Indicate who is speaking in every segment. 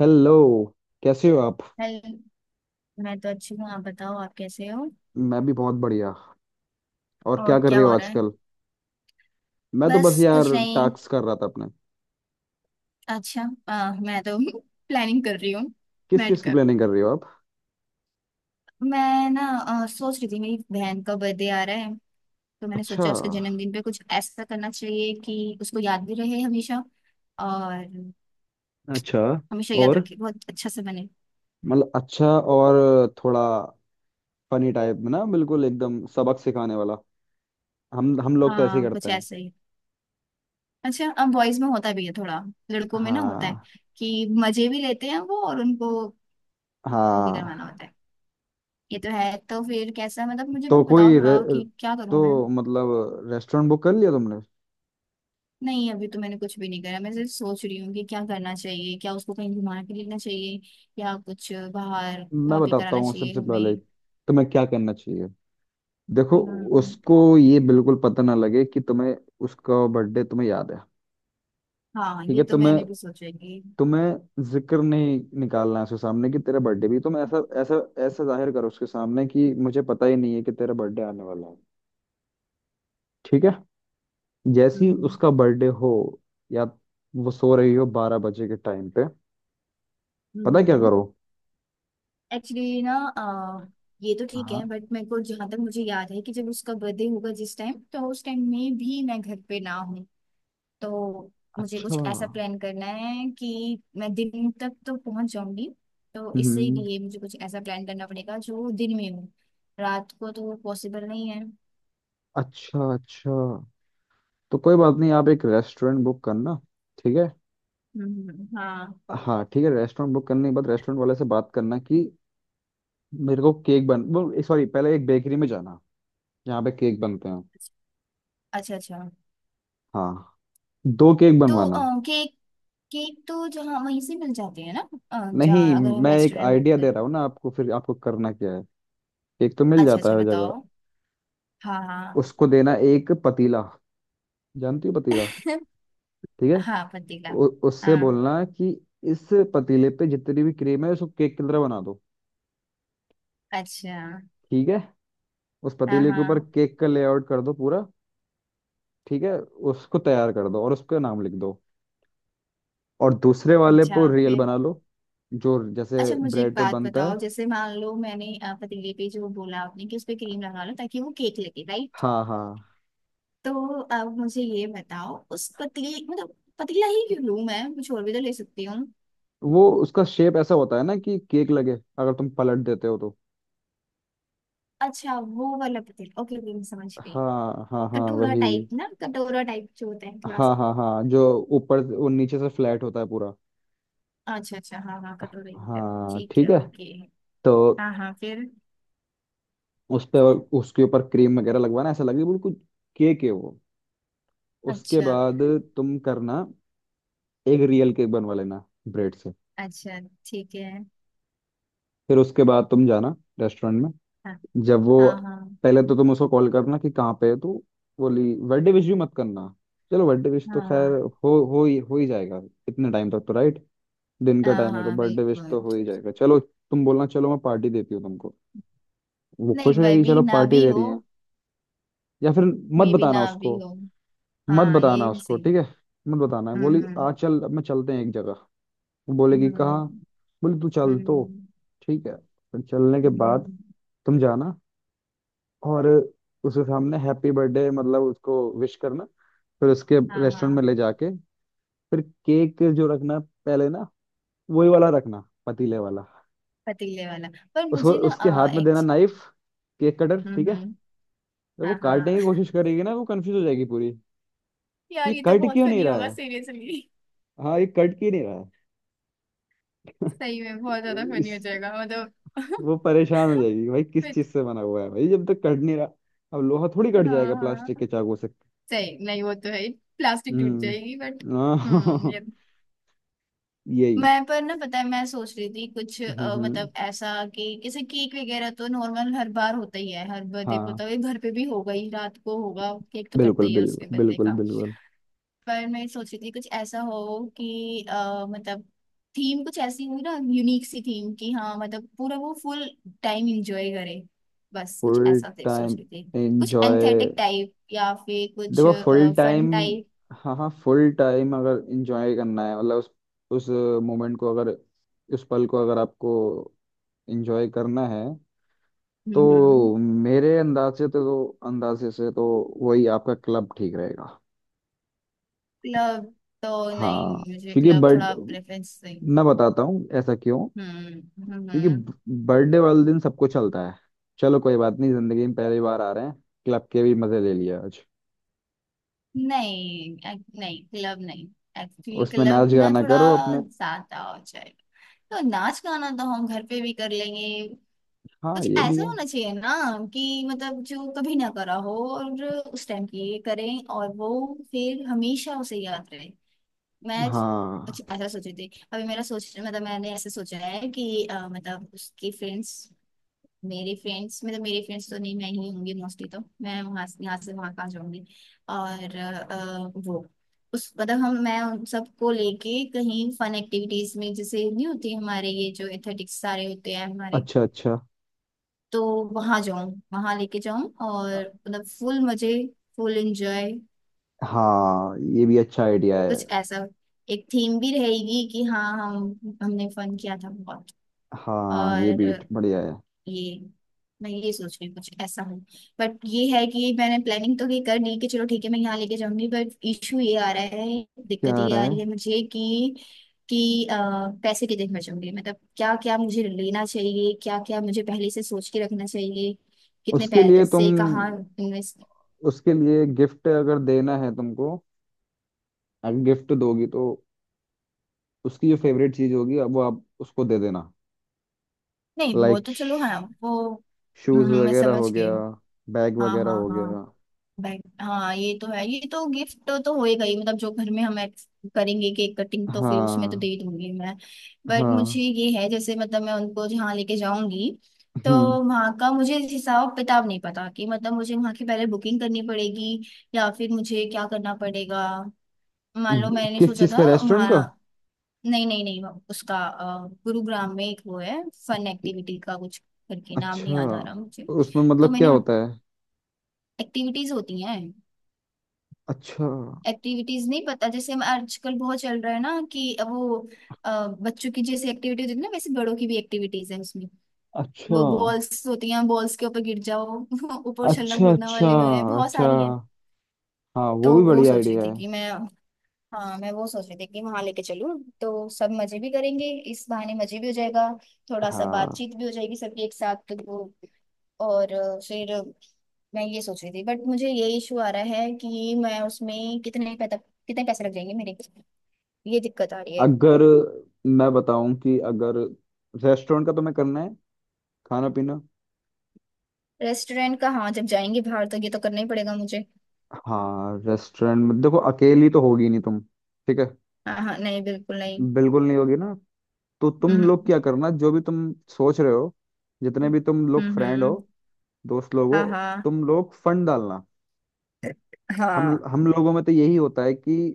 Speaker 1: Hello. कैसे हो आप?
Speaker 2: हेलो। मैं तो अच्छी हूँ, आप बताओ आप कैसे हो।
Speaker 1: मैं भी बहुत बढ़िया। और
Speaker 2: और
Speaker 1: क्या कर
Speaker 2: क्या
Speaker 1: रहे हो
Speaker 2: हो रहा है।
Speaker 1: आजकल? मैं तो
Speaker 2: बस
Speaker 1: बस यार
Speaker 2: कुछ नहीं।
Speaker 1: टास्क कर रहा था अपने।
Speaker 2: अच्छा। मैं तो प्लानिंग कर रही हूँ
Speaker 1: किस चीज़ की
Speaker 2: बैठकर।
Speaker 1: प्लानिंग कर रहे हो आप?
Speaker 2: मैं ना सोच रही थी मेरी बहन का बर्थडे आ रहा है। तो मैंने
Speaker 1: अच्छा।
Speaker 2: सोचा उसके जन्मदिन पे कुछ ऐसा करना चाहिए कि उसको याद भी रहे हमेशा और
Speaker 1: अच्छा।
Speaker 2: हमेशा याद
Speaker 1: और
Speaker 2: रखे, बहुत अच्छा से बने।
Speaker 1: मतलब अच्छा। और थोड़ा फनी टाइप में ना, बिल्कुल एकदम सबक सिखाने वाला। हम लोग तो ऐसे ही
Speaker 2: हाँ,
Speaker 1: करते
Speaker 2: कुछ
Speaker 1: हैं।
Speaker 2: ऐसा ही। अच्छा, अब बॉयज में होता भी है थोड़ा, लड़कों में ना होता है
Speaker 1: हाँ।
Speaker 2: कि मजे भी लेते हैं वो, और उनको वो भी
Speaker 1: हाँ,
Speaker 2: करवाना होता है। ये तो है। तो फिर कैसा, मतलब मुझे
Speaker 1: तो
Speaker 2: बताओ
Speaker 1: कोई रे,
Speaker 2: थोड़ा, कि क्या करूं मैं।
Speaker 1: तो मतलब रेस्टोरेंट बुक कर लिया तुमने?
Speaker 2: नहीं, अभी तो मैंने कुछ भी नहीं करा, मैं सिर्फ सोच रही हूँ कि क्या करना चाहिए, क्या उसको कहीं घुमा के लेना चाहिए या कुछ बाहर
Speaker 1: मैं
Speaker 2: खा पी
Speaker 1: बताता
Speaker 2: कराना
Speaker 1: हूँ
Speaker 2: चाहिए
Speaker 1: सबसे पहले
Speaker 2: हमें।
Speaker 1: तुम्हें क्या करना चाहिए। देखो,
Speaker 2: हम्म,
Speaker 1: उसको ये बिल्कुल पता ना लगे कि तुम्हें उसका बर्थडे तुम्हें याद है।
Speaker 2: हाँ
Speaker 1: ठीक
Speaker 2: ये
Speaker 1: है?
Speaker 2: तो
Speaker 1: तुम्हें
Speaker 2: मैंने भी सोचा है कि।
Speaker 1: तुम्हें जिक्र नहीं निकालना है उसके सामने कि तेरा बर्थडे भी। तुम ऐसा ऐसा ऐसा जाहिर करो उसके सामने कि मुझे पता ही नहीं है कि तेरा बर्थडे आने वाला है। ठीक है? जैसे ही उसका बर्थडे हो, या वो सो रही हो 12 बजे के टाइम पे, पता है क्या
Speaker 2: हम्म।
Speaker 1: करो।
Speaker 2: एक्चुअली ना, ये तो ठीक
Speaker 1: हाँ,
Speaker 2: है बट, मेरे को जहाँ तक मुझे याद है कि जब उसका बर्थडे होगा जिस टाइम, तो उस टाइम में भी मैं घर पे ना। तो मुझे
Speaker 1: अच्छा।
Speaker 2: कुछ ऐसा प्लान करना है कि मैं दिन तक तो पहुंच जाऊंगी। तो
Speaker 1: हम्म।
Speaker 2: इसीलिए मुझे कुछ ऐसा प्लान करना पड़ेगा जो दिन में हो। रात को तो पॉसिबल नहीं है।
Speaker 1: अच्छा अच्छा, तो कोई बात नहीं, आप एक रेस्टोरेंट बुक करना। ठीक है?
Speaker 2: हम्म। हाँ।
Speaker 1: हाँ ठीक है, रेस्टोरेंट बुक करने के बाद रेस्टोरेंट वाले से बात करना कि मेरे को केक बन वो सॉरी पहले एक बेकरी में जाना जहाँ पे केक बनते हैं।
Speaker 2: अच्छा अच्छा।
Speaker 1: हाँ, दो केक बनवाना।
Speaker 2: तो केक, केक तो जहाँ वहीं से मिल जाते हैं ना,
Speaker 1: नहीं,
Speaker 2: जहाँ अगर हम
Speaker 1: मैं एक
Speaker 2: रेस्टोरेंट बुक
Speaker 1: आइडिया दे
Speaker 2: करें।
Speaker 1: रहा हूँ ना आपको, फिर आपको करना क्या है। केक तो मिल
Speaker 2: अच्छा
Speaker 1: जाता
Speaker 2: अच्छा
Speaker 1: है हर जगह।
Speaker 2: बताओ। हाँ हाँ।
Speaker 1: उसको देना एक पतीला, जानती हो पतीला? ठीक है,
Speaker 2: हाँ पतीला।
Speaker 1: उससे
Speaker 2: हाँ।
Speaker 1: बोलना कि इस पतीले पे जितनी भी क्रीम है उसको केक की तरह बना दो।
Speaker 2: अच्छा।
Speaker 1: ठीक है? उस
Speaker 2: हाँ
Speaker 1: पतीले के ऊपर
Speaker 2: हाँ।
Speaker 1: केक का लेआउट कर दो पूरा। ठीक है? उसको तैयार कर दो और उसका नाम लिख दो। और दूसरे वाले
Speaker 2: अच्छा
Speaker 1: पर रियल
Speaker 2: फिर।
Speaker 1: बना लो, जो जैसे
Speaker 2: अच्छा, मुझे एक
Speaker 1: ब्रेड पे
Speaker 2: बात
Speaker 1: बनता है।
Speaker 2: बताओ, जैसे मान लो मैंने पतीले पे जो बोला आपने कि उस पे क्रीम लगा लो ताकि वो केक लगे, राइट।
Speaker 1: हाँ हाँ,
Speaker 2: तो अब मुझे ये बताओ, उस पतीले मतलब, पतीला ही क्यों लूं मैं, कुछ और भी तो ले सकती हूँ।
Speaker 1: वो उसका शेप ऐसा होता है ना कि केक लगे, अगर तुम पलट देते हो तो।
Speaker 2: अच्छा, वो वाला पतीला, ओके ओके, मैं समझ गई।
Speaker 1: हाँ हाँ हाँ
Speaker 2: कटोरा
Speaker 1: वही।
Speaker 2: टाइप ना, कटोरा टाइप जो होता है थोड़ा
Speaker 1: हाँ
Speaker 2: सा।
Speaker 1: हाँ हाँ जो ऊपर वो नीचे से फ्लैट होता है पूरा।
Speaker 2: अच्छा अच्छा, हाँ हाँ, कटोरा ही होता है,
Speaker 1: हाँ
Speaker 2: ठीक
Speaker 1: ठीक
Speaker 2: है,
Speaker 1: है,
Speaker 2: ओके।
Speaker 1: तो
Speaker 2: हाँ हाँ फिर।
Speaker 1: उस पे उसके ऊपर क्रीम वगैरह लगवाना, ऐसा लगे बिल्कुल केक है वो। उसके
Speaker 2: अच्छा
Speaker 1: बाद तुम करना एक रियल केक बनवा लेना ब्रेड से।
Speaker 2: अच्छा। ठीक है।
Speaker 1: फिर उसके बाद तुम जाना रेस्टोरेंट में।
Speaker 2: हाँ
Speaker 1: जब वो
Speaker 2: हाँ हाँ
Speaker 1: पहले तो तुम उसको कॉल करना कि कहाँ पे है तो बोली बर्थडे विश भी मत करना। चलो बर्थडे विश तो खैर
Speaker 2: हाँ।
Speaker 1: हो ही जाएगा, इतने टाइम तक तो, राइट? दिन का
Speaker 2: हाँ
Speaker 1: टाइम है तो
Speaker 2: हाँ,
Speaker 1: बर्थडे विश
Speaker 2: बिल्कुल
Speaker 1: तो हो ही जाएगा। चलो तुम बोलना, चलो मैं पार्टी देती हूँ तुमको। वो
Speaker 2: नहीं।
Speaker 1: खुश हो
Speaker 2: भाई
Speaker 1: जाएगी,
Speaker 2: भी
Speaker 1: चलो
Speaker 2: ना
Speaker 1: पार्टी
Speaker 2: भी
Speaker 1: दे
Speaker 2: हो,
Speaker 1: रही है। या फिर मत
Speaker 2: मे बी ना
Speaker 1: बताना
Speaker 2: भी
Speaker 1: उसको,
Speaker 2: हो।
Speaker 1: मत
Speaker 2: हाँ, ये
Speaker 1: बताना
Speaker 2: भी
Speaker 1: उसको।
Speaker 2: सही।
Speaker 1: ठीक है, मत बताना,
Speaker 2: हम्म
Speaker 1: बोली
Speaker 2: हम्म
Speaker 1: आ चल अब मैं चलते हैं एक जगह। वो बोलेगी
Speaker 2: हम्म
Speaker 1: कहाँ, बोली तू चल तो।
Speaker 2: हम्म।
Speaker 1: ठीक है, फिर चलने के बाद
Speaker 2: हम्म,
Speaker 1: तुम जाना, और उसके सामने हैप्पी बर्थडे, मतलब उसको विश करना। फिर उसके
Speaker 2: हाँ
Speaker 1: रेस्टोरेंट में ले
Speaker 2: हाँ
Speaker 1: जाके फिर केक जो रखना पहले ना, वही वाला रखना, पतीले वाला।
Speaker 2: पतीले वाला। पर
Speaker 1: उसको
Speaker 2: मुझे ना
Speaker 1: उसके हाथ में देना
Speaker 2: एक्च
Speaker 1: नाइफ, केक कटर। ठीक है?
Speaker 2: हम्म।
Speaker 1: जब वो
Speaker 2: हाँ
Speaker 1: काटने की
Speaker 2: हाँ,
Speaker 1: कोशिश करेगी ना, वो कंफ्यूज हो जाएगी पूरी,
Speaker 2: यार
Speaker 1: ये
Speaker 2: ये तो
Speaker 1: कट
Speaker 2: बहुत
Speaker 1: क्यों नहीं
Speaker 2: फनी
Speaker 1: रहा
Speaker 2: होगा,
Speaker 1: है।
Speaker 2: सीरियसली।
Speaker 1: हाँ, ये कट क्यों नहीं रहा
Speaker 2: सही में बहुत ज्यादा
Speaker 1: है,
Speaker 2: फनी
Speaker 1: इस
Speaker 2: हो जाएगा मतलब।
Speaker 1: वो परेशान हो जाएगी, भाई किस
Speaker 2: फिर-
Speaker 1: चीज से बना हुआ है भाई, जब तक कट नहीं रहा। अब लोहा थोड़ी कट
Speaker 2: हाँ
Speaker 1: जाएगा प्लास्टिक
Speaker 2: हाँ।
Speaker 1: के चाकू से।
Speaker 2: सही नहीं वो तो है, प्लास्टिक टूट जाएगी बट।
Speaker 1: हम्म,
Speaker 2: हम्म,
Speaker 1: हाँ,
Speaker 2: ये।
Speaker 1: यही।
Speaker 2: मैं, पर ना पता है, मैं सोच रही थी कुछ,
Speaker 1: हम्म हम्म,
Speaker 2: मतलब ऐसा कि जैसे केक वगैरह तो नॉर्मल हर बार होता ही है, हर बर्थडे को
Speaker 1: हाँ,
Speaker 2: तो ये घर पे भी होगा ही, रात को होगा, केक तो कटता
Speaker 1: बिल्कुल
Speaker 2: ही है
Speaker 1: बिल्कुल
Speaker 2: उसके बर्थडे
Speaker 1: बिल्कुल
Speaker 2: का।
Speaker 1: बिल्कुल।
Speaker 2: पर मैं सोच रही थी कुछ ऐसा हो कि, मतलब थीम कुछ ऐसी हुई ना, यूनिक सी थीम कि हाँ, मतलब पूरा वो फुल टाइम एंजॉय करे। बस कुछ
Speaker 1: फुल
Speaker 2: ऐसा थे सोच
Speaker 1: टाइम
Speaker 2: रही थी। कुछ
Speaker 1: एंजॉय,
Speaker 2: एंथेटिक टाइप, या फिर कुछ
Speaker 1: देखो फुल टाइम,
Speaker 2: फन टाइप।
Speaker 1: हाँ हाँ, फुल टाइम अगर एंजॉय करना है मतलब उस मोमेंट को अगर, उस पल को अगर आपको एंजॉय करना है,
Speaker 2: हम्म हम्म।
Speaker 1: तो मेरे अंदाज से तो अंदाजे से तो वही आपका क्लब ठीक रहेगा।
Speaker 2: क्लब तो
Speaker 1: हाँ,
Speaker 2: नहीं, मुझे
Speaker 1: क्योंकि
Speaker 2: क्लब
Speaker 1: बर्थ
Speaker 2: थोड़ा प्रेफरेंस नहीं।
Speaker 1: मैं बताता हूँ ऐसा क्यों।
Speaker 2: हम्म हम्म।
Speaker 1: क्योंकि बर्थडे वाले दिन सबको चलता है, चलो कोई बात नहीं, जिंदगी में पहली बार आ रहे हैं, क्लब के भी मजे ले लिया आज।
Speaker 2: नहीं नहीं, क्लब नहीं। एक्चुअली
Speaker 1: उसमें
Speaker 2: क्लब
Speaker 1: नाच
Speaker 2: ना
Speaker 1: गाना
Speaker 2: थोड़ा
Speaker 1: करो अपने।
Speaker 2: ज्यादा हो जाएगा, तो नाच गाना तो हम घर पे भी कर लेंगे।
Speaker 1: हाँ
Speaker 2: कुछ
Speaker 1: ये भी
Speaker 2: ऐसा
Speaker 1: है।
Speaker 2: होना चाहिए ना, कि मतलब जो कभी ना करा हो, और उस टाइम की ये करें, और वो फिर हमेशा उसे याद रहे। मैं।
Speaker 1: हाँ,
Speaker 2: अच्छा, ऐसा सोची थी अभी मेरा सोच, मतलब मैंने ऐसे सोचा है कि, मतलब उसकी फ्रेंड्स, मेरे फ्रेंड्स मतलब, मेरे फ्रेंड्स तो नहीं, मैं ही होंगी मोस्टली, तो मैं वहां से यहाँ से वहां कहाँ जाऊंगी। और वो उस मतलब, हम, मैं उन सबको लेके कहीं फन एक्टिविटीज में, जैसे नहीं होती हमारे ये जो एथेटिक्स सारे होते हैं हमारे,
Speaker 1: अच्छा अच्छा।
Speaker 2: तो वहां जाऊं, वहां लेके जाऊं और मतलब फुल मजे, फुल एंजॉय।
Speaker 1: हाँ ये भी अच्छा आइडिया है।
Speaker 2: कुछ ऐसा। एक थीम भी रहेगी कि हाँ, हम, हमने फन किया था बहुत।
Speaker 1: हाँ ये भी
Speaker 2: और
Speaker 1: बढ़िया है।
Speaker 2: ये, मैं ये सोच रही हूँ कुछ ऐसा हो, बट ये है कि मैंने प्लानिंग तो ये कर ली कि चलो ठीक है मैं यहाँ लेके जाऊंगी, बट इशू ये आ रहा है,
Speaker 1: क्या
Speaker 2: दिक्कत
Speaker 1: आ
Speaker 2: ये
Speaker 1: रहा
Speaker 2: आ
Speaker 1: है?
Speaker 2: रही है मुझे कि, कि पैसे कितने खर्च होंगे, मतलब क्या क्या मुझे लेना चाहिए, क्या क्या मुझे पहले से सोच के रखना चाहिए, कितने
Speaker 1: उसके लिए तुम,
Speaker 2: पैसे कहाँ इन्वेस्ट।
Speaker 1: उसके लिए गिफ्ट अगर देना है तुमको, अगर गिफ्ट दोगी तो उसकी जो फेवरेट चीज होगी अब वो आप उसको दे देना।
Speaker 2: नहीं वो
Speaker 1: लाइक
Speaker 2: तो चलो, हाँ वो।
Speaker 1: शूज
Speaker 2: मैं
Speaker 1: वगैरह हो
Speaker 2: समझ गई।
Speaker 1: गया, बैग
Speaker 2: हाँ
Speaker 1: वगैरह
Speaker 2: हाँ
Speaker 1: हो
Speaker 2: हाँ।
Speaker 1: गया।
Speaker 2: भाई हाँ, ये तो है, ये तो गिफ्ट तो होएगा ही, मतलब जो घर में हम करेंगे केक कटिंग, तो फिर उसमें तो दे
Speaker 1: हाँ
Speaker 2: ही दूंगी मैं। बट मुझे
Speaker 1: हाँ।
Speaker 2: ये है जैसे, मतलब मैं उनको जहाँ लेके जाऊंगी, तो
Speaker 1: हम्म,
Speaker 2: वहाँ का मुझे हिसाब किताब नहीं पता कि, मतलब मुझे वहाँ की पहले बुकिंग करनी पड़ेगी या फिर मुझे क्या करना पड़ेगा। मान लो मैंने
Speaker 1: किस
Speaker 2: सोचा
Speaker 1: चीज
Speaker 2: था
Speaker 1: का, रेस्टोरेंट का?
Speaker 2: वहाँ। नहीं नहीं नहीं। उसका, गुरुग्राम में एक वो है फन एक्टिविटी का कुछ करके, नाम नहीं
Speaker 1: अच्छा,
Speaker 2: याद आ रहा मुझे।
Speaker 1: उसमें
Speaker 2: तो
Speaker 1: मतलब क्या
Speaker 2: मैंने,
Speaker 1: होता है?
Speaker 2: एक्टिविटीज होती हैं।
Speaker 1: अच्छा
Speaker 2: एक्टिविटीज, नहीं पता, जैसे हम आजकल बहुत चल रहा है ना कि वो, बच्चों की जैसे एक्टिविटीज होती है ना, वैसे बड़ों की भी एक्टिविटीज है उसमें।
Speaker 1: अच्छा
Speaker 2: वो बॉल्स होती हैं, बॉल्स के ऊपर गिर जाओ, ऊपर उछलना
Speaker 1: अच्छा।
Speaker 2: कूदना
Speaker 1: अच्छा
Speaker 2: वाले हैं, बहुत
Speaker 1: अच्छा,
Speaker 2: सारे हैं।
Speaker 1: हाँ वो
Speaker 2: तो
Speaker 1: भी
Speaker 2: वो
Speaker 1: बढ़िया
Speaker 2: सोच रही
Speaker 1: आइडिया
Speaker 2: थी
Speaker 1: है।
Speaker 2: कि मैं, हाँ मैं वो सोच रही थी कि वहां लेके चलूँ, तो सब मजे भी करेंगे, इस बहाने मजे भी हो जाएगा, थोड़ा सा
Speaker 1: हाँ,
Speaker 2: बातचीत भी हो जाएगी सबकी एक साथ, तो वो। और फिर मैं ये सोच रही थी बट, मुझे ये इशू आ रहा है कि मैं उसमें कितने पैसा, कितने पैसे लग जाएंगे मेरे, ये दिक्कत आ रही है।
Speaker 1: अगर, मैं बताऊं कि अगर रेस्टोरेंट का तुम्हें करना है, खाना पीना।
Speaker 2: रेस्टोरेंट का, हाँ जब जाएंगे बाहर तो ये तो करना ही पड़ेगा मुझे।
Speaker 1: हाँ, रेस्टोरेंट में देखो अकेली तो होगी नहीं तुम। ठीक है,
Speaker 2: हाँ हाँ, नहीं बिल्कुल नहीं।
Speaker 1: बिल्कुल नहीं होगी ना, तो तुम लोग
Speaker 2: हम्म
Speaker 1: क्या करना, जो भी तुम सोच रहे हो, जितने
Speaker 2: हम्म
Speaker 1: भी तुम लोग फ्रेंड हो,
Speaker 2: हम्म,
Speaker 1: दोस्त लोग हो,
Speaker 2: हाँ हाँ
Speaker 1: तुम लोग फंड डालना। हम
Speaker 2: हाँ।
Speaker 1: हम लोगों में तो यही होता है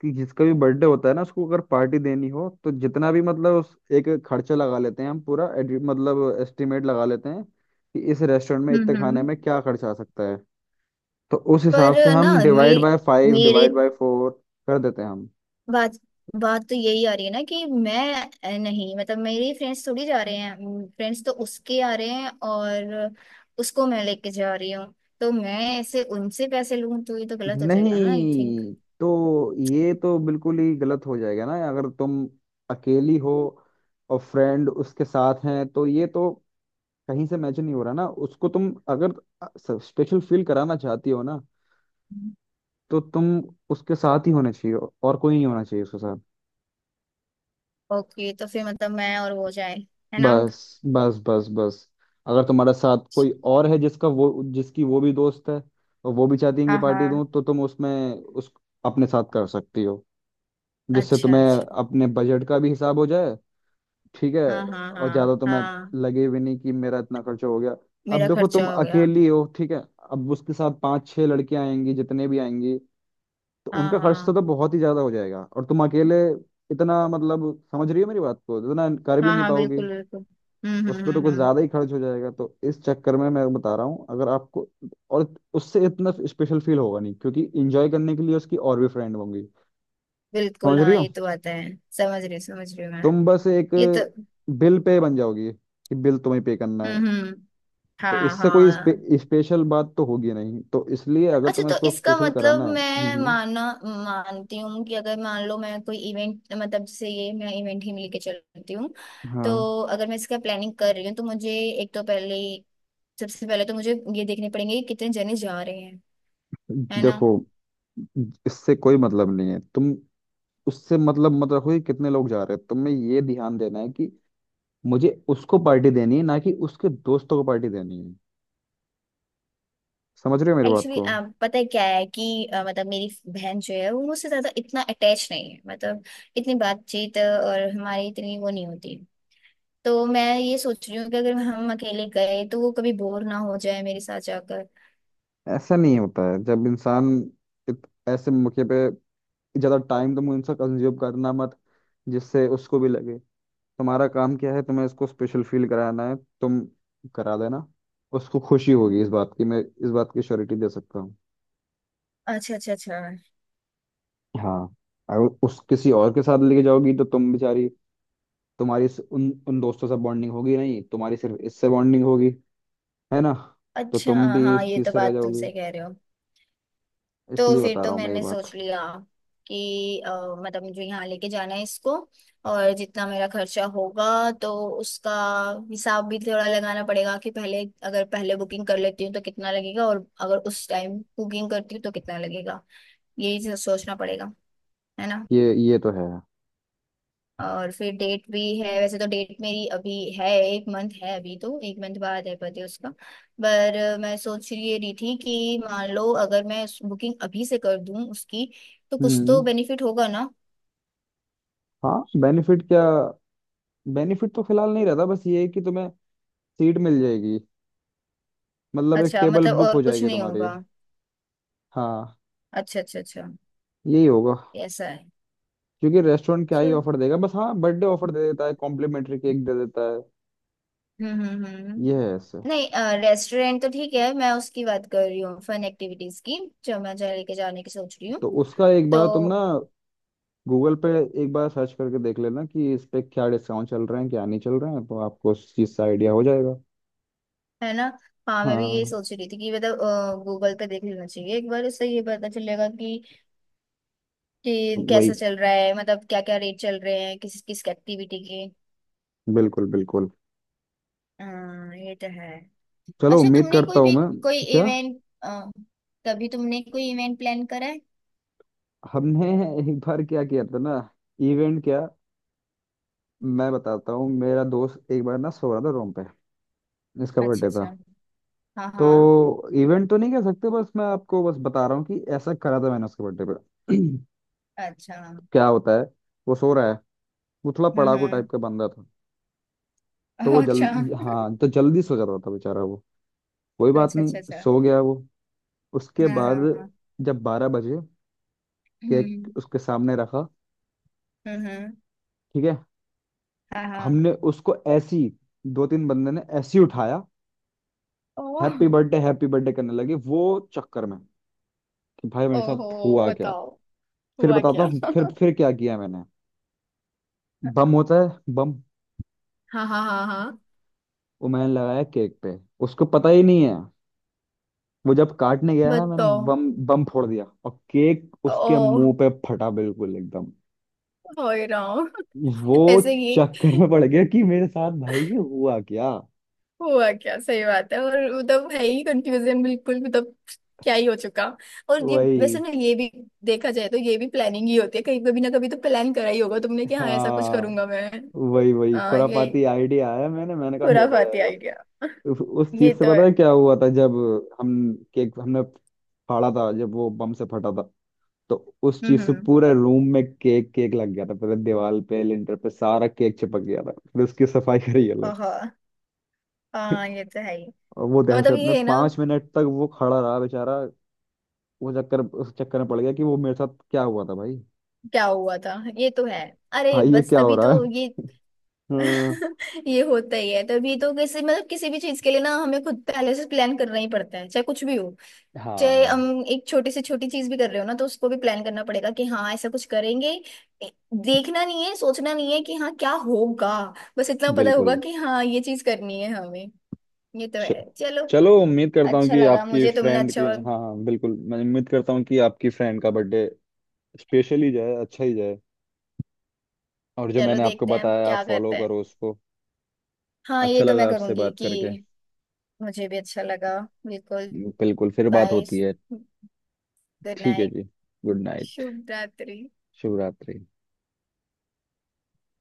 Speaker 1: कि जिसका भी बर्थडे होता है ना, उसको अगर पार्टी देनी हो तो जितना भी मतलब उस एक खर्चा लगा लेते हैं हम पूरा एडि- मतलब एस्टिमेट लगा लेते हैं कि इस रेस्टोरेंट में इतने खाने
Speaker 2: हम्म।
Speaker 1: में क्या खर्चा आ सकता है। तो उस
Speaker 2: पर
Speaker 1: हिसाब से
Speaker 2: ना
Speaker 1: हम
Speaker 2: मेरे
Speaker 1: डिवाइड बाय फाइव,
Speaker 2: मेरे
Speaker 1: डिवाइड बाय फोर कर देते हैं हम।
Speaker 2: बात, बात तो यही आ रही है ना कि मैं, नहीं मतलब, मेरी फ्रेंड्स थोड़ी जा रहे हैं, फ्रेंड्स तो उसके आ रहे हैं और उसको मैं लेके जा रही हूँ, तो मैं ऐसे उनसे पैसे लूं तो ये तो गलत हो जाएगा ना, आई थिंक।
Speaker 1: नहीं, तो ये तो बिल्कुल ही गलत हो जाएगा ना अगर तुम अकेली हो और फ्रेंड उसके साथ हैं, तो ये तो कहीं से मैच नहीं हो रहा ना। उसको तुम अगर स्पेशल फील कराना चाहती हो ना, तो तुम उसके साथ ही होना चाहिए, और कोई नहीं होना चाहिए उसके साथ।
Speaker 2: ओके, तो फिर मतलब मैं और वो जाए, है ना।
Speaker 1: बस बस बस बस, अगर तुम्हारा साथ कोई और है जिसका वो, जिसकी वो भी दोस्त है और वो भी चाहती है कि
Speaker 2: हाँ
Speaker 1: पार्टी
Speaker 2: हाँ।
Speaker 1: दूं, तो तुम उसमें उस अपने साथ कर सकती हो, जिससे
Speaker 2: अच्छा
Speaker 1: तुम्हें
Speaker 2: अच्छा।
Speaker 1: अपने बजट का भी हिसाब हो जाए। ठीक है?
Speaker 2: हाँ हाँ
Speaker 1: और ज्यादा
Speaker 2: हाँ
Speaker 1: तुम्हें
Speaker 2: हाँ।
Speaker 1: लगे भी नहीं कि मेरा इतना खर्चा हो गया। अब
Speaker 2: मेरा
Speaker 1: देखो तुम
Speaker 2: खर्चा हो गया।
Speaker 1: अकेली हो, ठीक है, अब उसके साथ 5 6 लड़कियां आएंगी, जितने भी आएंगी, तो
Speaker 2: हाँ
Speaker 1: उनका खर्च तो,
Speaker 2: हाँ
Speaker 1: तो बहुत ही ज्यादा हो जाएगा, और तुम अकेले इतना मतलब, समझ रही हो मेरी बात को, इतना कर भी
Speaker 2: हाँ
Speaker 1: नहीं
Speaker 2: हाँ,
Speaker 1: पाओगी।
Speaker 2: बिल्कुल बिल्कुल।
Speaker 1: उस पे तो कुछ
Speaker 2: हम्म।
Speaker 1: ज्यादा ही खर्च हो जाएगा, तो इस चक्कर में मैं बता रहा हूँ अगर आपको। और उससे इतना स्पेशल फील होगा नहीं, क्योंकि एंजॉय करने के लिए उसकी और भी फ्रेंड होंगी,
Speaker 2: बिल्कुल
Speaker 1: समझ रही
Speaker 2: हाँ,
Speaker 1: हो?
Speaker 2: ये तो आता है, समझ रही हूँ मैं।
Speaker 1: तुम बस एक
Speaker 2: ये तो।
Speaker 1: बिल पे बन जाओगी कि बिल तुम्हें पे करना है।
Speaker 2: हम्म।
Speaker 1: तो
Speaker 2: हाँ
Speaker 1: इससे कोई
Speaker 2: हाँ।
Speaker 1: स्पेशल बात तो होगी नहीं, तो इसलिए अगर
Speaker 2: अच्छा,
Speaker 1: तुम्हें
Speaker 2: तो
Speaker 1: इसको
Speaker 2: इसका
Speaker 1: स्पेशल
Speaker 2: मतलब
Speaker 1: कराना है।
Speaker 2: मैं माना मानती हूँ कि अगर मान लो मैं कोई इवेंट, मतलब जैसे ये, मैं इवेंट ही में लेके चलती हूँ,
Speaker 1: हाँ।
Speaker 2: तो अगर मैं इसका प्लानिंग कर रही हूँ तो मुझे एक तो पहले, सबसे पहले तो मुझे ये देखने पड़ेंगे कि कितने जने जा रहे हैं,
Speaker 1: कि
Speaker 2: है ना।
Speaker 1: देखो इससे कोई मतलब नहीं है, तुम उससे मतलब मत रखो कि कितने लोग जा रहे हैं, तुम्हें ये ध्यान देना है कि मुझे उसको पार्टी देनी है, ना कि उसके दोस्तों को पार्टी देनी है। समझ रहे हो मेरी बात
Speaker 2: एक्चुअली,
Speaker 1: को?
Speaker 2: पता है क्या है कि, मतलब मेरी बहन जो है वो मुझसे ज्यादा इतना अटैच नहीं है, मतलब इतनी बातचीत, और हमारी इतनी वो नहीं होती, तो मैं ये सोच रही हूँ कि अगर हम अकेले गए तो वो कभी बोर ना हो जाए मेरे साथ जाकर।
Speaker 1: ऐसा नहीं होता है। जब इंसान ऐसे मौके पे, ज्यादा टाइम तुम इनसे कंज्यूम करना मत, जिससे उसको भी लगे। तुम्हारा काम क्या है, तुम्हें उसको स्पेशल फील कराना है, तुम करा देना। उसको खुशी होगी इस बात की, मैं इस बात की श्योरिटी दे सकता हूँ।
Speaker 2: अच्छा अच्छा अच्छा
Speaker 1: हाँ, अगर उस किसी और के साथ लेके जाओगी तो तुम बेचारी, तुम्हारी उन उन दोस्तों से बॉन्डिंग होगी नहीं, तुम्हारी सिर्फ इससे बॉन्डिंग होगी, है ना? तो
Speaker 2: अच्छा।
Speaker 1: तुम भी
Speaker 2: हाँ,
Speaker 1: इस
Speaker 2: ये
Speaker 1: चीज
Speaker 2: तो
Speaker 1: से रह
Speaker 2: बात
Speaker 1: जाओगी,
Speaker 2: तुमसे कह रहे हो। तो
Speaker 1: इसलिए
Speaker 2: फिर
Speaker 1: बता
Speaker 2: तो
Speaker 1: रहा हूँ मैं ये
Speaker 2: मैंने
Speaker 1: बात।
Speaker 2: सोच लिया कि, मतलब मुझे यहाँ लेके जाना है इसको, और जितना मेरा खर्चा होगा तो उसका हिसाब भी थोड़ा लगाना पड़ेगा कि पहले, अगर पहले बुकिंग कर लेती हूँ तो कितना लगेगा, और अगर उस टाइम बुकिंग करती हूँ तो कितना लगेगा। यही सोचना पड़ेगा, है ना।
Speaker 1: ये तो है।
Speaker 2: और फिर डेट भी है, वैसे तो डेट मेरी अभी है, एक मंथ है, अभी तो एक मंथ बाद है बर्थडे उसका। पर मैं सोच रही, ये रही थी कि मान लो अगर मैं बुकिंग अभी से कर दूं उसकी, तो कुछ तो
Speaker 1: हम्म,
Speaker 2: बेनिफिट होगा ना।
Speaker 1: हाँ बेनिफिट क्या, बेनिफिट तो फिलहाल नहीं रहता, बस ये है कि तुम्हें सीट मिल जाएगी, मतलब एक
Speaker 2: अच्छा,
Speaker 1: टेबल
Speaker 2: मतलब
Speaker 1: बुक
Speaker 2: और
Speaker 1: हो
Speaker 2: कुछ
Speaker 1: जाएगी
Speaker 2: नहीं
Speaker 1: तुम्हारी।
Speaker 2: होगा।
Speaker 1: हाँ,
Speaker 2: अच्छा अच्छा अच्छा।
Speaker 1: यही होगा।
Speaker 2: ऐसा है।
Speaker 1: क्योंकि रेस्टोरेंट क्या ही
Speaker 2: चल।
Speaker 1: ऑफर देगा, बस हाँ बर्थडे ऑफर दे देता है, कॉम्प्लीमेंट्री केक दे देता है।
Speaker 2: हम्म हम्म हम्म हम्म।
Speaker 1: ये है ऐसे।
Speaker 2: नहीं, रेस्टोरेंट तो ठीक है, मैं उसकी बात कर रही हूँ फन एक्टिविटीज की, जो मैं जा लेके जाने की सोच रही हूँ,
Speaker 1: तो उसका एक
Speaker 2: तो
Speaker 1: बार तुम ना गूगल पे एक बार सर्च करके देख लेना कि इस पे क्या डिस्काउंट चल रहे हैं, क्या नहीं चल रहे हैं, तो आपको उस चीज़ का आइडिया हो जाएगा।
Speaker 2: है ना। हाँ, मैं भी यही
Speaker 1: हाँ
Speaker 2: सोच रही थी कि मतलब गूगल पे देख लेना चाहिए एक बार, उससे ये पता चलेगा कि, कैसा
Speaker 1: वही,
Speaker 2: चल रहा है, मतलब क्या क्या रेट चल रहे हैं किस किस एक्टिविटी के।
Speaker 1: बिल्कुल बिल्कुल।
Speaker 2: हाँ ये तो है।
Speaker 1: चलो
Speaker 2: अच्छा,
Speaker 1: उम्मीद
Speaker 2: तुमने
Speaker 1: करता
Speaker 2: कोई
Speaker 1: हूँ
Speaker 2: भी
Speaker 1: मैं।
Speaker 2: कोई
Speaker 1: क्या?
Speaker 2: इवेंट, कभी तुमने कोई इवेंट प्लान करा है।
Speaker 1: हमने एक बार क्या किया था ना। इवेंट क्या, मैं बताता हूँ। मेरा दोस्त एक बार ना सो रहा था रूम पे, इसका
Speaker 2: अच्छा
Speaker 1: बर्थडे था।
Speaker 2: अच्छा। हाँ हाँ।
Speaker 1: तो इवेंट तो नहीं कह सकते, बस मैं आपको बस बता रहा हूँ कि ऐसा करा था मैंने उसके बर्थडे पे।
Speaker 2: अच्छा।
Speaker 1: क्या होता है, वो सो रहा है, वो थोड़ा पड़ाकू टाइप
Speaker 2: हम्म।
Speaker 1: का बंदा था, तो वो
Speaker 2: अच्छा।
Speaker 1: जल्दी हाँ तो जल्दी सो जा रहा था बेचारा वो। कोई बात
Speaker 2: अच्छा अच्छा
Speaker 1: नहीं
Speaker 2: अच्छा।
Speaker 1: सो गया वो। उसके
Speaker 2: हाँ
Speaker 1: बाद
Speaker 2: हाँ हाँ,
Speaker 1: जब 12 बजे केक
Speaker 2: हम्म
Speaker 1: उसके सामने रखा।
Speaker 2: हम्म हम्म,
Speaker 1: ठीक है,
Speaker 2: हाँ हाँ।
Speaker 1: हमने उसको ऐसी, 2 3 बंदे ने ऐसी उठाया,
Speaker 2: ओह।
Speaker 1: हैप्पी बर्थडे करने लगे, वो चक्कर में कि भाई मेरे
Speaker 2: ओहो,
Speaker 1: साथ हुआ क्या।
Speaker 2: बताओ
Speaker 1: फिर
Speaker 2: हुआ
Speaker 1: बताता
Speaker 2: क्या।
Speaker 1: हूँ, फिर क्या किया मैंने, बम होता है बम,
Speaker 2: हाँ हाँ हाँ हाँ।
Speaker 1: वो मैंने लगाया केक पे, उसको पता ही नहीं है, वो जब काटने गया ना, मैंने
Speaker 2: बताओ।
Speaker 1: बम बम फोड़ दिया और केक उसके
Speaker 2: ओ।
Speaker 1: मुंह पे फटा बिल्कुल एकदम।
Speaker 2: हो ही रहा हूँ।
Speaker 1: वो
Speaker 2: ऐसे ही।
Speaker 1: चक्कर में पड़ गया कि मेरे साथ भाई ये हुआ क्या।
Speaker 2: हुआ क्या, सही बात है। और मतलब है ही कंफ्यूजन बिल्कुल, मतलब क्या ही हो चुका। और ये वैसे
Speaker 1: वही,
Speaker 2: ना, ये भी देखा जाए तो ये भी प्लानिंग ही होती है, कहीं कभी ना कभी तो प्लान करा ही होगा तुमने कि हाँ ऐसा कुछ
Speaker 1: हाँ,
Speaker 2: करूंगा मैं।
Speaker 1: वही वही
Speaker 2: ये
Speaker 1: खुरापाती आइडिया आया मैंने, मैंने कहा देखा
Speaker 2: खुराफाती
Speaker 1: जाएगा।
Speaker 2: आइडिया।
Speaker 1: उस
Speaker 2: ये
Speaker 1: चीज से
Speaker 2: तो
Speaker 1: पता
Speaker 2: है।
Speaker 1: है क्या हुआ था, जब हम, केक हमने फाड़ा था जब वो बम से फटा था, तो उस चीज से
Speaker 2: हम्म।
Speaker 1: पूरे रूम में केक केक लग गया था, पूरे दीवार पे लिंटर पे सारा केक चिपक गया था, फिर उसकी सफाई करी अलग।
Speaker 2: ओहो, हाँ ये तो है ही।
Speaker 1: और वो
Speaker 2: मतलब
Speaker 1: दहशत में
Speaker 2: ये है ना,
Speaker 1: 5 मिनट तक वो खड़ा रहा बेचारा, वो चक्कर उस चक्कर में पड़ गया कि वो मेरे साथ क्या हुआ था भाई,
Speaker 2: क्या हुआ था, ये तो है। अरे,
Speaker 1: भाई ये
Speaker 2: बस
Speaker 1: क्या हो
Speaker 2: तभी
Speaker 1: रहा है।
Speaker 2: तो ये
Speaker 1: हम्म,
Speaker 2: ये होता ही है, तभी तो किसी, मतलब किसी भी चीज के लिए ना हमें खुद पहले से प्लान करना ही पड़ता है, चाहे कुछ भी हो। चाहे
Speaker 1: हाँ
Speaker 2: हम एक छोटी से छोटी चीज भी कर रहे हो ना, तो उसको भी प्लान करना पड़ेगा कि हाँ ऐसा कुछ करेंगे। ए- देखना नहीं है, सोचना नहीं है कि हाँ क्या होगा, बस इतना पता होगा
Speaker 1: बिल्कुल।
Speaker 2: कि हाँ ये चीज करनी है हमें। ये तो
Speaker 1: च-
Speaker 2: है, चलो।
Speaker 1: चलो उम्मीद करता हूँ
Speaker 2: अच्छा
Speaker 1: कि
Speaker 2: लगा
Speaker 1: आपकी
Speaker 2: मुझे, तुमने
Speaker 1: फ्रेंड
Speaker 2: अच्छा
Speaker 1: की,
Speaker 2: हुआ।
Speaker 1: हाँ हाँ बिल्कुल, मैं उम्मीद करता हूँ कि आपकी फ्रेंड का बर्थडे स्पेशल ही जाए, अच्छा ही जाए, और जो
Speaker 2: चलो
Speaker 1: मैंने आपको
Speaker 2: देखते हैं
Speaker 1: बताया आप
Speaker 2: क्या
Speaker 1: फॉलो
Speaker 2: करते हैं।
Speaker 1: करो उसको।
Speaker 2: हाँ ये
Speaker 1: अच्छा
Speaker 2: तो मैं
Speaker 1: लगा आपसे
Speaker 2: करूंगी
Speaker 1: बात करके।
Speaker 2: कि। मुझे भी अच्छा लगा, बिल्कुल।
Speaker 1: बिल्कुल, फिर बात
Speaker 2: बाय,
Speaker 1: होती है।
Speaker 2: गुड
Speaker 1: ठीक है
Speaker 2: नाइट।
Speaker 1: जी, गुड नाइट।
Speaker 2: शुभ रात्रि।
Speaker 1: शुभ रात्रि।